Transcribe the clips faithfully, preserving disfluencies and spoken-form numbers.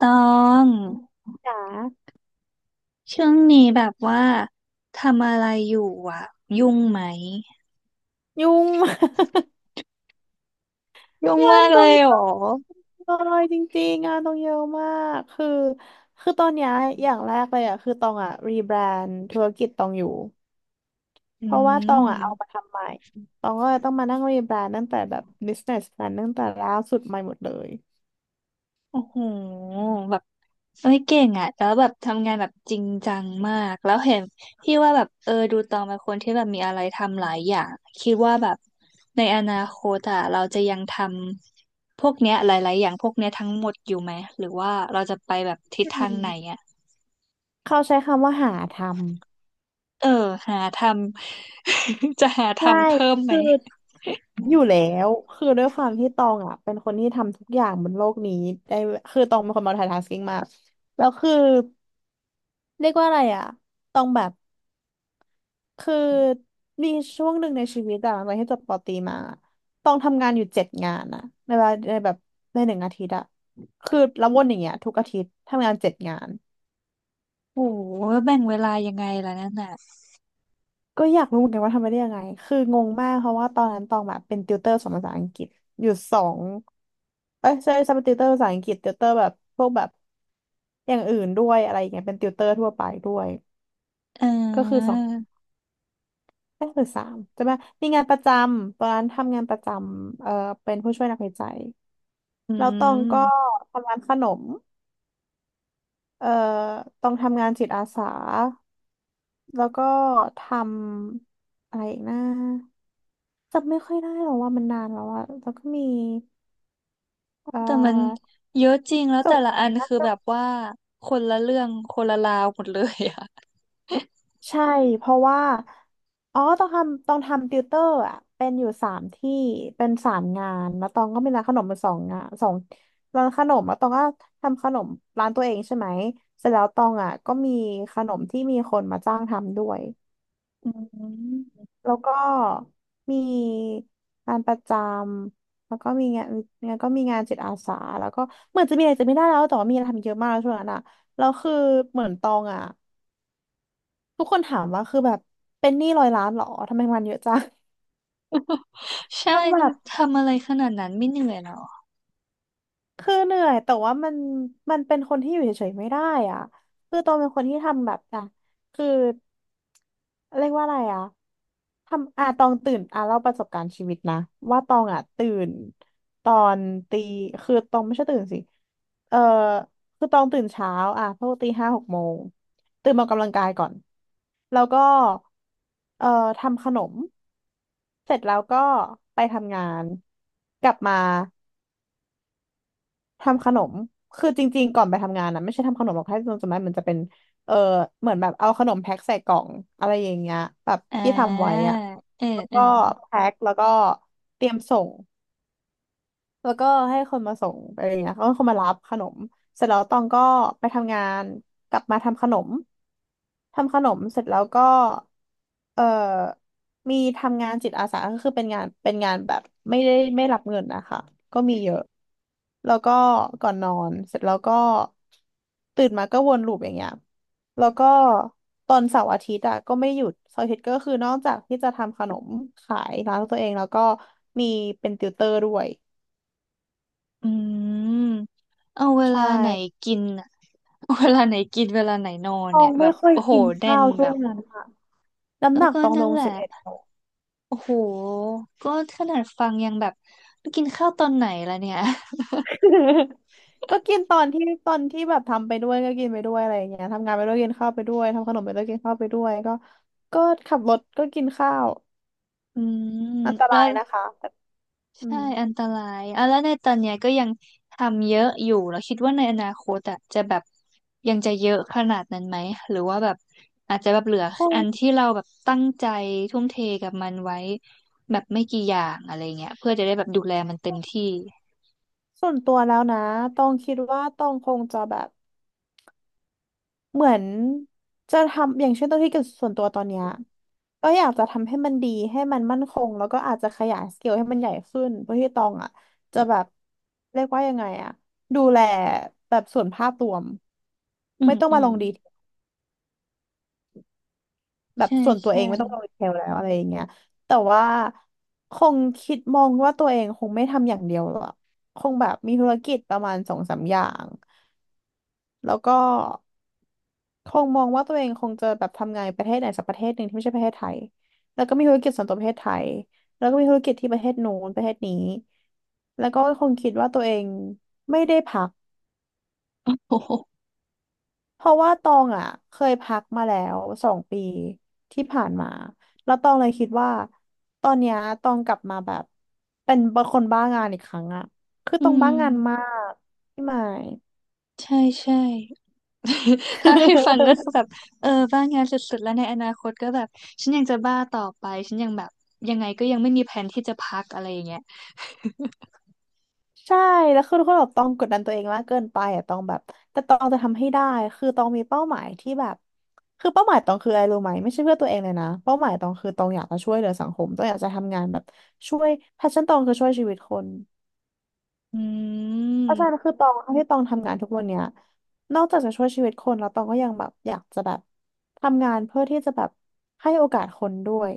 ตองจ๋าช่วงนี้แบบว่าทำอะไรอยู่อ่ะยุ่งไหมยุ่ง มาก ยุ่ง งามานกตรเลงยเหเยรออะมากเลยจริงๆงานตรงเยอะมากคือคือตอนเนี้ยอย่างแรกเลยอ่ะคือตองอ่ะรีแบรนด์ธุรกิจตองอยู่อืเพราะว่าตองอ่ะเอามามทำใหม่ตองก็เลยต้องมานั่งรีแบรนด์ตั้งแต่แบบ business plan ตั้งแต่ล่าสุดใหม่หมดเลยโอ้โหแบบเอ้ยเก่งอ่ะแล้วแบบทำงานแบบจริงจังมากแล้วเห็นพี่ว่าแบบเออดูตองเป็นคนที่แบบมีอะไรทำหลายอย่างคิดว่าแบบในอนาคตอ่ะเราจะยังทำพวกเนี้ยหลายๆอย่างพวกเนี้ยทั้งหมดอยู่ไหมหรือว่าเราจะไปแบบทิศอืทางไหนมอ่ะ เขาใช้คำว่าหาทำเออหาทำ จะหาใช่ทำเพิ่มไหมคืออยู่แล้วคือด้วยความที่ตองอ่ะเป็นคนที่ทำทุกอย่างบนโลกนี้ได้คือตองเป็นคน multitasking มากแล้วคือ เรียกว่าอะไรอ่ะต้องแบบคือมีช่วงหนึ่งในชีวิตอะหลังจากที่จบปอตรีมาต้องทำงานอยู่เจ็ดงานอะในเวลาในแบบในหนึ่งอาทิตย์อะคือแล้ววนอย่างเงี้ยทุกอาทิตย์ทำงานเจ็ดงานโอ้โหแบ่งเวลายังไงล่ะนั่นน่ะก็อยากรู้เหมือนกันว่าทำไปได้ยังไงคืองงมากเพราะว่าตอนนั้นตองแบบเป็นติวเตอร์สอนภาษาอังกฤษอยู่สองเอ้ยใช่ใช่เป็นติวเตอร์ภาษาอังกฤษติวเตอร์แบบพวกแบบอย่างอื่นด้วยอะไรอย่างเงี้ยเป็นติวเตอร์ทั่วไปด้วยเก็คืออสออง นักศึกษามจะมามีงานประจำตอนนั้นทำงานประจำเอ่อเป็นผู้ช่วยนักวิจัยอืแล้วตองก็มทำงานขนมเอ่อตองทำงานจิตอาสาแล้วก็ทำอะไรอีกนะจำไม่ค่อยได้หรอกว่ามันนานแล้วอะแล้วก็มีเอ่แต่มันอเยอะจริงแล้วส่แต่งละเสริอัมนด้า คือแบบว่าคนละเรื่องคนละราวหมดเลยอะ ใช่เพราะว่าอ๋อต้องทำต้องทำติวเตอร์อ่ะเป็นอยู่สามที่เป็นสามงานแล้วตองก็มีร้านขนมมาสองงานสองร้านขนมแล้วตองก็ทำขนมร้านตัวเองใช่ไหมเสร็จแล้วตองอ่ะก็มีขนมที่มีคนมาจ้างทำด้วยอืมแล้วก็มีงานประจำแล้วก็มีงานงานก็มีงานจิตอาสาแล้วก็เหมือนจะมีอะไรจะไม่ได้แล้วแต่ว่ามีอะไรทำเยอะมากช่วงนั้นอ่ะแล้วคือเหมือนตองอ่ะ ทุกคนถามว่าคือแบบเป็นหนี้ร้อยล้านเหรอทำไมมันเยอะจัง ใช่ ต้องแบบทำทำอะไรขนาดนั้นไม่เหนื่อยหรอคือเหนื่อยแต่ว่ามันมันเป็นคนที่อยู่เฉยๆไม่ได้อ่ะคือตองเป็นคนที่ทำแบบอ่ะคือเรียกว่าอะไรอ่ะทำอ่ะตองตื่นอ่ะเล่าประสบการณ์ชีวิตนะว่าตองอ่ะตื่นตอนตีคือตองไม่ใช่ตื่นสิเออคือตองตื่นเช้าอ่ะพวกตีห้าหกโมงตื่นมาออกกำลังกายก่อน แล้วก็เอ่อทำขนมเสร็จแล้วก็ไปทำงานกลับมาทำขนมคือจริงๆก่อนไปทำงานนะไม่ใช่ทำขนมหรอกแค่จำได้มันจะเป็นเออเหมือนแบบเอาขนมแพ็คใส่กล่องอะไรอย่างเงี้ยแบบอ่ที่ทำไว้าอะเออแล้วเออก็แพ็คแล้วก็เตรียมส่ง แล้วก็ให้คนมาส่งอะไรอย่างเงี้ยก็คนมารับขนมเสร็จแล้วตองก็ไปทำงาน กลับมาทำขนม ทำขนมเสร็จแล้วก็เอ่อมีทำงานจิตอาสาก็คือเป็นงานเป็นงานแบบไม่ได้ไม่รับเงินนะคะก็มีเยอะแล้วก็ก่อนนอนเสร็จแล้วก็ตื่นมาก็วนลูปอย่างเงี้ยแล้วก็ตอนเสาร์อาทิตย์อะก็ไม่หยุดเสาร์อาทิตย์ก็คือนอกจากที่จะทำขนมขายร้านของตัวเองแล้วก็มีเป็นติวเตอร์ด้วย อืมเอาเวใช่ลาไหนกินอะเอาเวลาไหนกินเวลาไหนนอนตอเนี่งยแบไม่บค่อยโอ้โหกินแน่ข้านวช่แบวงบนั้นค่ะน้ำแล้หวนักก็ตองลนั่นงแหสิละ บเอ็ดโล โอ้โหก็ขนาดฟังยังแบบกินข้าวตอนไหนล่ะเนี่ย ก็กินตอนที่ตอนที่แบบทำไปด้วยก็กินไปด้วยอะไรอย่างเงี้ยทำงานไปด้วยกินข้าวไปด้วยทำขนมไปด้วยกินข้าวไปด้วยก็ก็ขับรถก็กินข้าวอืมอันตแล้รายวนะคะแต่อืใช่มอันตรายอ่ะแล้วในตอนเนี้ยก็ยังทำเยอะอยู่แล้วคิดว่าในอนาคตอ่ะจะแบบยังจะเยอะขนาดนั้นไหมหรือว่าแบบอาจจะแบบเหลือคงอันที่เราแบบตั้งใจทุ่มเทกับมันไว้แบบไม่กี่อย่างอะไรเงี้ยเพื่อจะได้แบบดูแลมันเต็มที่ส่วนตัวแล้วนะตองคิดว่าตองคงจะแบบ เหมือนจะทำอย่างเช่นตัวที่เกี่ยวส่วนตัวตอนเนี้ยก็อยากจะทำให้มันดีให้มันมั่นคงแล้วก็อาจจะขยายสเกลให้มันใหญ่ขึ้นเพื่อที่ตองอ่ะจะแบบเรียกว่ายังไงอ่ะดูแลแบบส่วนภาพรวมอืไม่มต้องอืมามลงดีเทลแบบใช่ส่วนตัวเอใช่งไม่ต้องลงดีเทลแล้วอะไรอย่างเงี้ยแต่ว่าคงคิดมองว่าตัวเองคงไม่ทำอย่างเดียวหรอกคงแบบมีธุรกิจประมาณสองสามอย่างแล้วก็ คงมองว่าตัวเองคงจะแบบทำงานประเทศไหนสักประเทศหนึ่งที่ไม่ใช่ประเทศไทยแล้วก็มีธุรกิจส่วนตัวประเทศไทยแล้วก็มีธุรกิจที่ประเทศนู้นประเทศนี้แล้วก็คงคิดว่าตัวเองไม่ได้พักโอ้โหเพราะว่าตองอ่ะเคยพักมาแล้วสองปีที่ผ่านมาแล้วตองเลยคิดว่าตอนเนี้ยตองกลับมาแบบเป็นคนบ้างานอีกครั้งอ่ะคืออืตองบ้ามงานมากพี่หมาย ใช่ใช่ ถ้าให้ฟังก็คือแบ บเออบ้างานสุดๆ แล้วในอนาคตก็แบบ ฉันยังจะบ้าต่อไป ฉันยังแบบ ยังไงก็ยังไม่มีแผนที่จะพักอะไรอย่างเงี้ยใช่แล้วคือทุกคนแบบต้องกดดันตัวเองมากเกินไปอ่ะต้องแบบแต่ต้องจะทำให้ได้คือต้องมีเป้าหมายที่แบบคือเป้าหมายต้องคืออะไรรู้ไหมไม่ใช่เพื่อตัวเองเลยนะเป้าหมายต้องคือต้องอยากจะช่วยเหลือสังคมต้องอยากจะทำงานแบบช่วยแพชชั่นต้องคือช่วยชีวิตคนอืมอาจารย์คือต้องที่ต้องทำงานทุกวันเนี้ยนอกจากจะช่วยชีวิตคนแล้วต้องก็ยังแบบอยากจะแบบทำงานเพื่อที่จะแบบให้โอกาสคนด้วย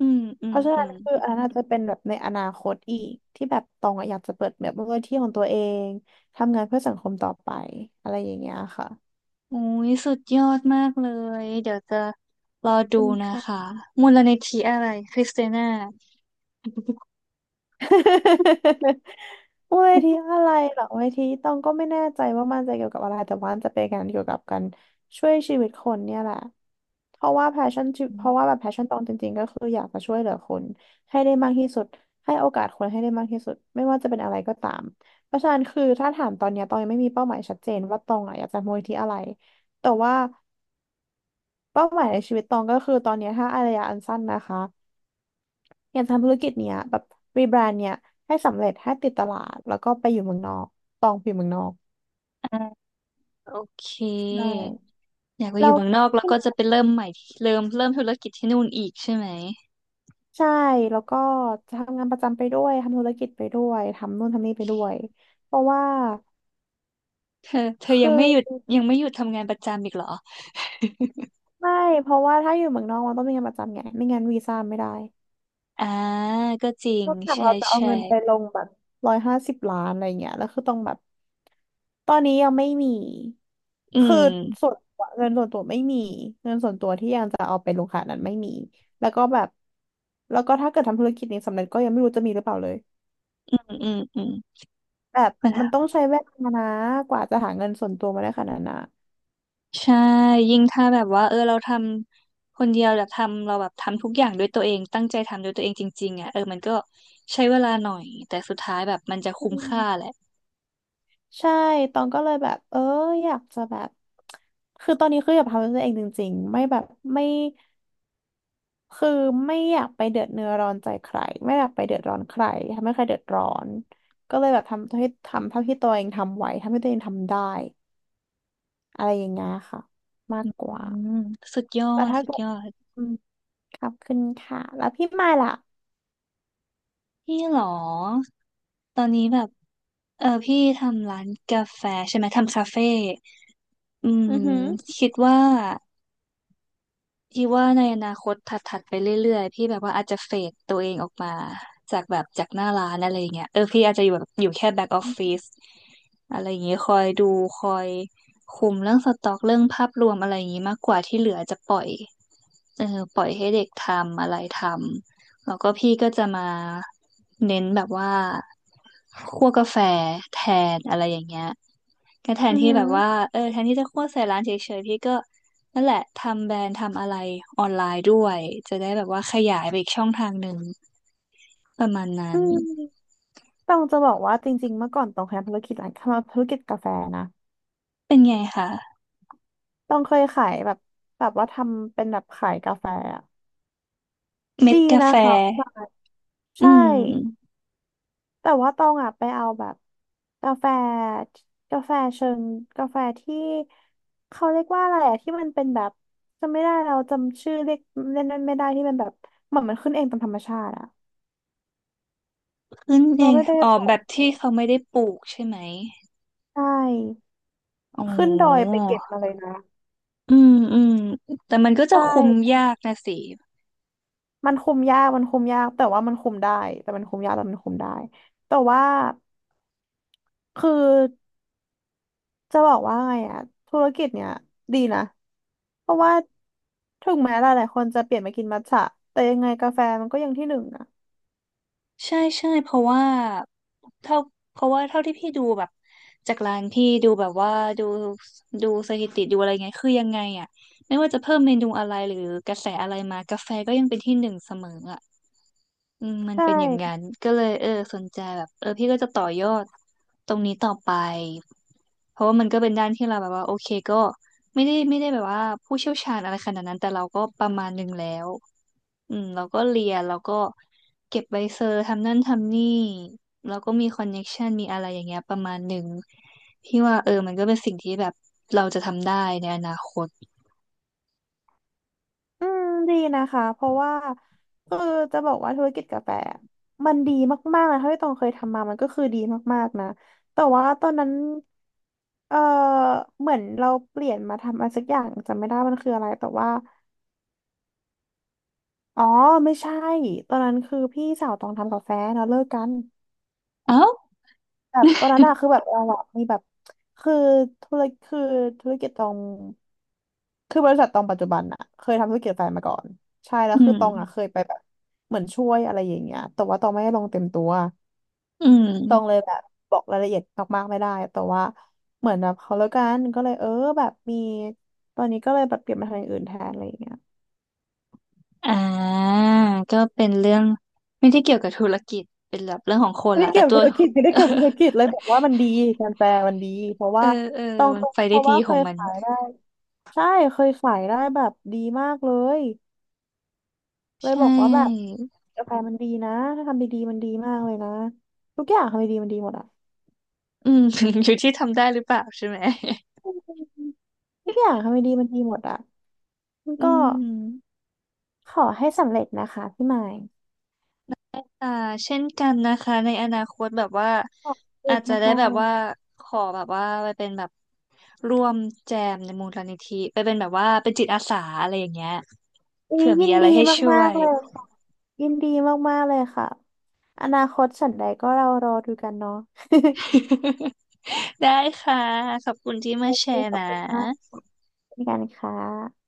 อืมอืเพมราะฉะอืนั้นมคืออันนั้นอาจจะเป็นแบบในอนาคตอีกที่แบบตองอะอยากจะเปิดแบบมูลนิธิของตัวเองทำงานเพื่อสังคมต่อไปอะไรอย่างเงี้ยค่ะโอ้ยสุดยอดมากเลย เดี๋ยวจะรอดูเป็คณนะค่ะ คะมูลนิธิอะไรคริสเตียนา เวที อะไรเหรอเวทีตองก็ไม่แน่ใจว่ามันจะเกี่ยวกับอะไรแต่ว่ามันจะเป็นการเกี่ยวกับการช่วยชีวิตคนเนี่ยแหละเพราะว่าแพชชั่นเพราะว่าแบบแพชชั่นตองจริงๆก็คืออยากจะช่วยเหลือคนให้ได้มากที่สุดให้โอกาสคนให้ได้มากที่สุดไม่ว่าจะเป็นอะไรก็ตามเพราะฉะนั้นคือถ้าถามตอนเนี้ยตองยังไม่มีเป้าหมายชัดเจนว่าตองอะอยากจะมูลที่อะไรแต่ว่าเป้าหมายในชีวิตตองก็คือตอนเนี้ยถ้าระยะอันสั้นนะคะ อยากทำธุรกิจเนี้ยแบบรีแบรนด์เนี้ยให้สำเร็จให้ติดตลาดแล้วก็ไปอยู่เมืองนอกตองไปอยู่เมืองนอกอ่าโอเคใช่อยากไปอแล้ยู่วเมืองนอกแล้วก็จะไปเริ่มใหม่ที่เริ่มเริ่มธุรกิจที่นู่นอีกใช่ไหม ใช่แล้วก็จะทำงานประจำไปด้วยทำธุรกิจไปด้วยทำนู่นทำนี่ไปด้วยเพราะว่าเธอเธอยัคืงไม่หยุดอยังไม่หยุดทำงานประจำอีกเหรอ ไม่เพราะว่าถ้าอยู่เมืองนอกมันต้องมีงานประจำไงไม่งั้นวีซ่าไม่ได้ อ่าก็จริงนอกจากใช่เราจะเอาใช่เงินไปลงแบบร้อยห้าสิบล้านอะไรเงี้ยแล้วคือต้องแบบตอนนี้ยังไม่มีอืคือม ส่วนตัวเงินส่วนตัวไม่มีเงินส่วนตัวที่ยังจะเอาไปลงขนาดนั้นไม่มีแล้วก็แบบแล้วก็ถ้าเกิดทำธุรกิจนี้สำเร็จก็ยังไม่รู้จะมีหรือเปล่าเลยอืมอืมอืมแบบมันมันต้องใช้เวลานะกว่าจะหาเงินส่วนตัวมาได้ขนาดนั้นนะใช่ ยิ่งถ้าแบบว่า เออเราทำคนเดียวแบบทำเราแบบทำทุกอย่างด้วยตัวเอง ตั้งใจทำด้วยตัวเองจริงๆอ่ะเออมันก็ใช้เวลาหน่อย แต่สุดท้ายแบบมันจะอืคุ้มค่าแหมละใช่ตองก็เลยแบบเอออยากจะแบบคือตอนนี้คืออยากทำด้วยตัวเองจริงๆไม่แบบไม่ คือไม่อยากไปเดือดเนื้อร้อนใจใครไม่อยากไปเดือดร้อนใครทำให้ใครเดือดร้อนก็เลยแบบทำให้ทำเท่าที่ตัวเองทำไหวทำให้ตัวเองทำได้อะไรอย่างเงี้ยค่ะมากกอืว่ามสุดยอแต่ดถ้าสุดเกิยดอดอืมขอบคุณค่ะแล้วพี่มายล่ะพี่เหรอ ตอนนี้แบบ เออ พี่ทำร้านกาแฟใช่ไหม ทำคาเฟ่อือืม อหือคิดว่า พี่ว่าในอนาคตถัดๆไปเรื่อยๆพี่แบบว่าอาจจะเฟดตัวเองออกมาจากแบบจากหน้าร้านอะไรอย่างเงี้ยเออพี่อาจจะอยู่แบบอยู่แค่แบ็กออฟฟิศอะไรอย่างงี้คอยดูคอยคุมเรื่องสต็อกเรื่องภาพรวมอะไรอย่างงี้มากกว่าที่เหลือจะปล่อยเออปล่อยให้เด็กทำอะไรทำแล้วก็พี่ก็จะมาเน้นแบบว่าคั่วกาแฟแทนอะไรอย่างเงี้ย ก็แทอืนอที่หือแบบว่าเออแทนที่จะโฆษณาใส่ร้านเฉยๆพี่ก็นั่นแหละทำแบรนด์ทำอะไรออนไลน์ด้วยจะได้แบบว่าขยายไปอีกช่องทางหนึ่งประมาณนั้อืนมต้องจะบอกว่าจริงๆเมื่อก่อนตองเคยทำธุรกิจร้านทำธุรกิจกาแฟนะเป็นไงคะต้องเคยขายแบบแบบว่าทำเป็นแบบขายกาแฟอะเม็ดีดกานะแฟคะขายอืใช่ มแต่ว่าตองอ่ะไปเอาแบบกาแฟกาแฟเชิงกาแฟที่เขาเรียกว่าอะไรอะที่มันเป็นแบบจำไม่ได้เราจำชื่อเรียกเล่นนั้นไม่ได้ที่มันแบบเหมือนมันขึ้นเองตามธรรมชาติอะขึ้นเอเรางไม่ได้อ๋อปลูแบกบที่เขาไม่ได้ปลูกใช่ไหมใช่อ๋อขึ้นดอยไปเก็บมาเลยนะอืมอืมแต่มันก็จะใช่คุมยากนะสิ มันคุมยากมันคุมยากแต่ว่ามันคุมได้แต่มันคุมยากแต่มันคุมได้แต่ว่าคือ จะบอกว่าไงอะธุรกิจเนี่ยดีนะ เพราะว่าถึงแม้หลายๆคนจะเปลี่ยนมากินมัทฉะแต่ยังไงกาแฟมันก็ยังที่หนึ่งนะใช่ใช่เพราะว่าเท่าเพราะว่าเท่าที่พี่ดูแบบจากร้านพี่ดูแบบว่าดูดูสถิติดูอะไรเงี้ยคือยังไงอ่ะไม่ว่าจะเพิ่มเมนูอะไรหรือกระแสอะไรมากาแฟก็ยังเป็นที่หนึ่งเสมออ่ะ อืมมันใชเป็นอย่างนั้่นก็เลยเออสนใจแบบเออพี่ก็จะต่อยอดตรงนี้ต่อไปเพราะว่ามันก็เป็นด้านที่เราแบบว่าโอเคก็ไม่ได้ไม่ได้แบบว่าผู้เชี่ยวชาญอะไรขนาดนั้นแต่เราก็ประมาณหนึ่งแล้วอืมเราก็เรียนเราก็เก็บใบเซอร์ทำนั่นทำนี่เราก็มีคอนเน็กชันมีอะไรอย่างเงี้ยประมาณหนึ่งพี่ว่าเออมันก็เป็นสิ่งที่แบบเราจะทำได้ในอนาคตอืมดีนะคะเพราะว่าคือจะบอกว่าธุรกิจกาแฟมันดีมากๆนะเท่าที่ตองเคยทำมามันก็คือดีมากๆนะแต่ว่าตอนนั้นเออเหมือนเราเปลี่ยนมาทำอะไรสักอย่างจำไม่ได้มันคืออะไรแต่ว่าอ๋อไม่ใช่ตอนนั้นคือพี่สาวตองทำกาแฟแล้วเลิกกัน เอ้าแบบตอนนั้นอะคือแบบเราอะมีแบบคือธุรคือธุรกิจตองคือบริษัทตองปัจจุบันอะเคยทำธุรกิจแฟนมาก่อนใช่แล้วอืคือมตองอะเคยไปแบบเหมือนช่วยอะไรอย่างเงี้ยแต่ว่าตองไม่ได้ลงเต็มตัวอืตองเลม ยแบบบอกรายละเอียดมากๆไม่ได้แต่ว่าเหมือนแบบเขาแล้วกันก็เลยเออแบบมีตอนนี้ก็เลยแบบเปลี่ยนมาทำอย่างอื่นแทนอะไรอย่างเงี้ย อ่าก็เป็นเรื่องไม่ได้เกี่ยวกับธุรกิจเป็นแบบเรื่องของคนไม่ละได้แต่เกี่ยวกัตับว ธุรกิจไม่ได้เกี่ยวกับธุรกิจ เลยบอกว่ามันดีการแปลมันดีเพราะเอว่าอเออต้องมันไปเพได้ราะดีว่าขเคองยมันขายได้ใช่เคยขายได้แบบดีมากเลยเลใชยบอกว่าแบบ่กาแฟมันดีนะถ้าทำดีๆมันดีมากเลยนะทุกอย่างทำดีๆมันดีหมดอ่ะอืม อยู่ที่ทำได้หรือเปล่าใช่ไหม อืมทุกอย่างทำดีๆมันดีหมดอ่ะมัน อืก็มขอให้สำเร็จนะคะพี่หมายอ่าเช่นกันนะคะในอนาคตแบบว่าขอบคุอาณจจะได้มาแบกๆบเลยว่าขอแบบว่าไปเป็นแบบร่วมแจมในมูลนิธิไปเป็นแบบว่าเป็นจิตอาสาอะไรอย่างเงี้ยอุ๊ยเผื่อยิมีนอะไรดีให้ช่มาวกย ๆเลยค่ะยินดีมากๆเลยค่ะอนาคตฉันใดก็เรารอดูกันเนาะ ได้ค่ะ ขอบคุณที่โอมาแชเคร์ขอบนะคุณมากเช่นกันค่ะ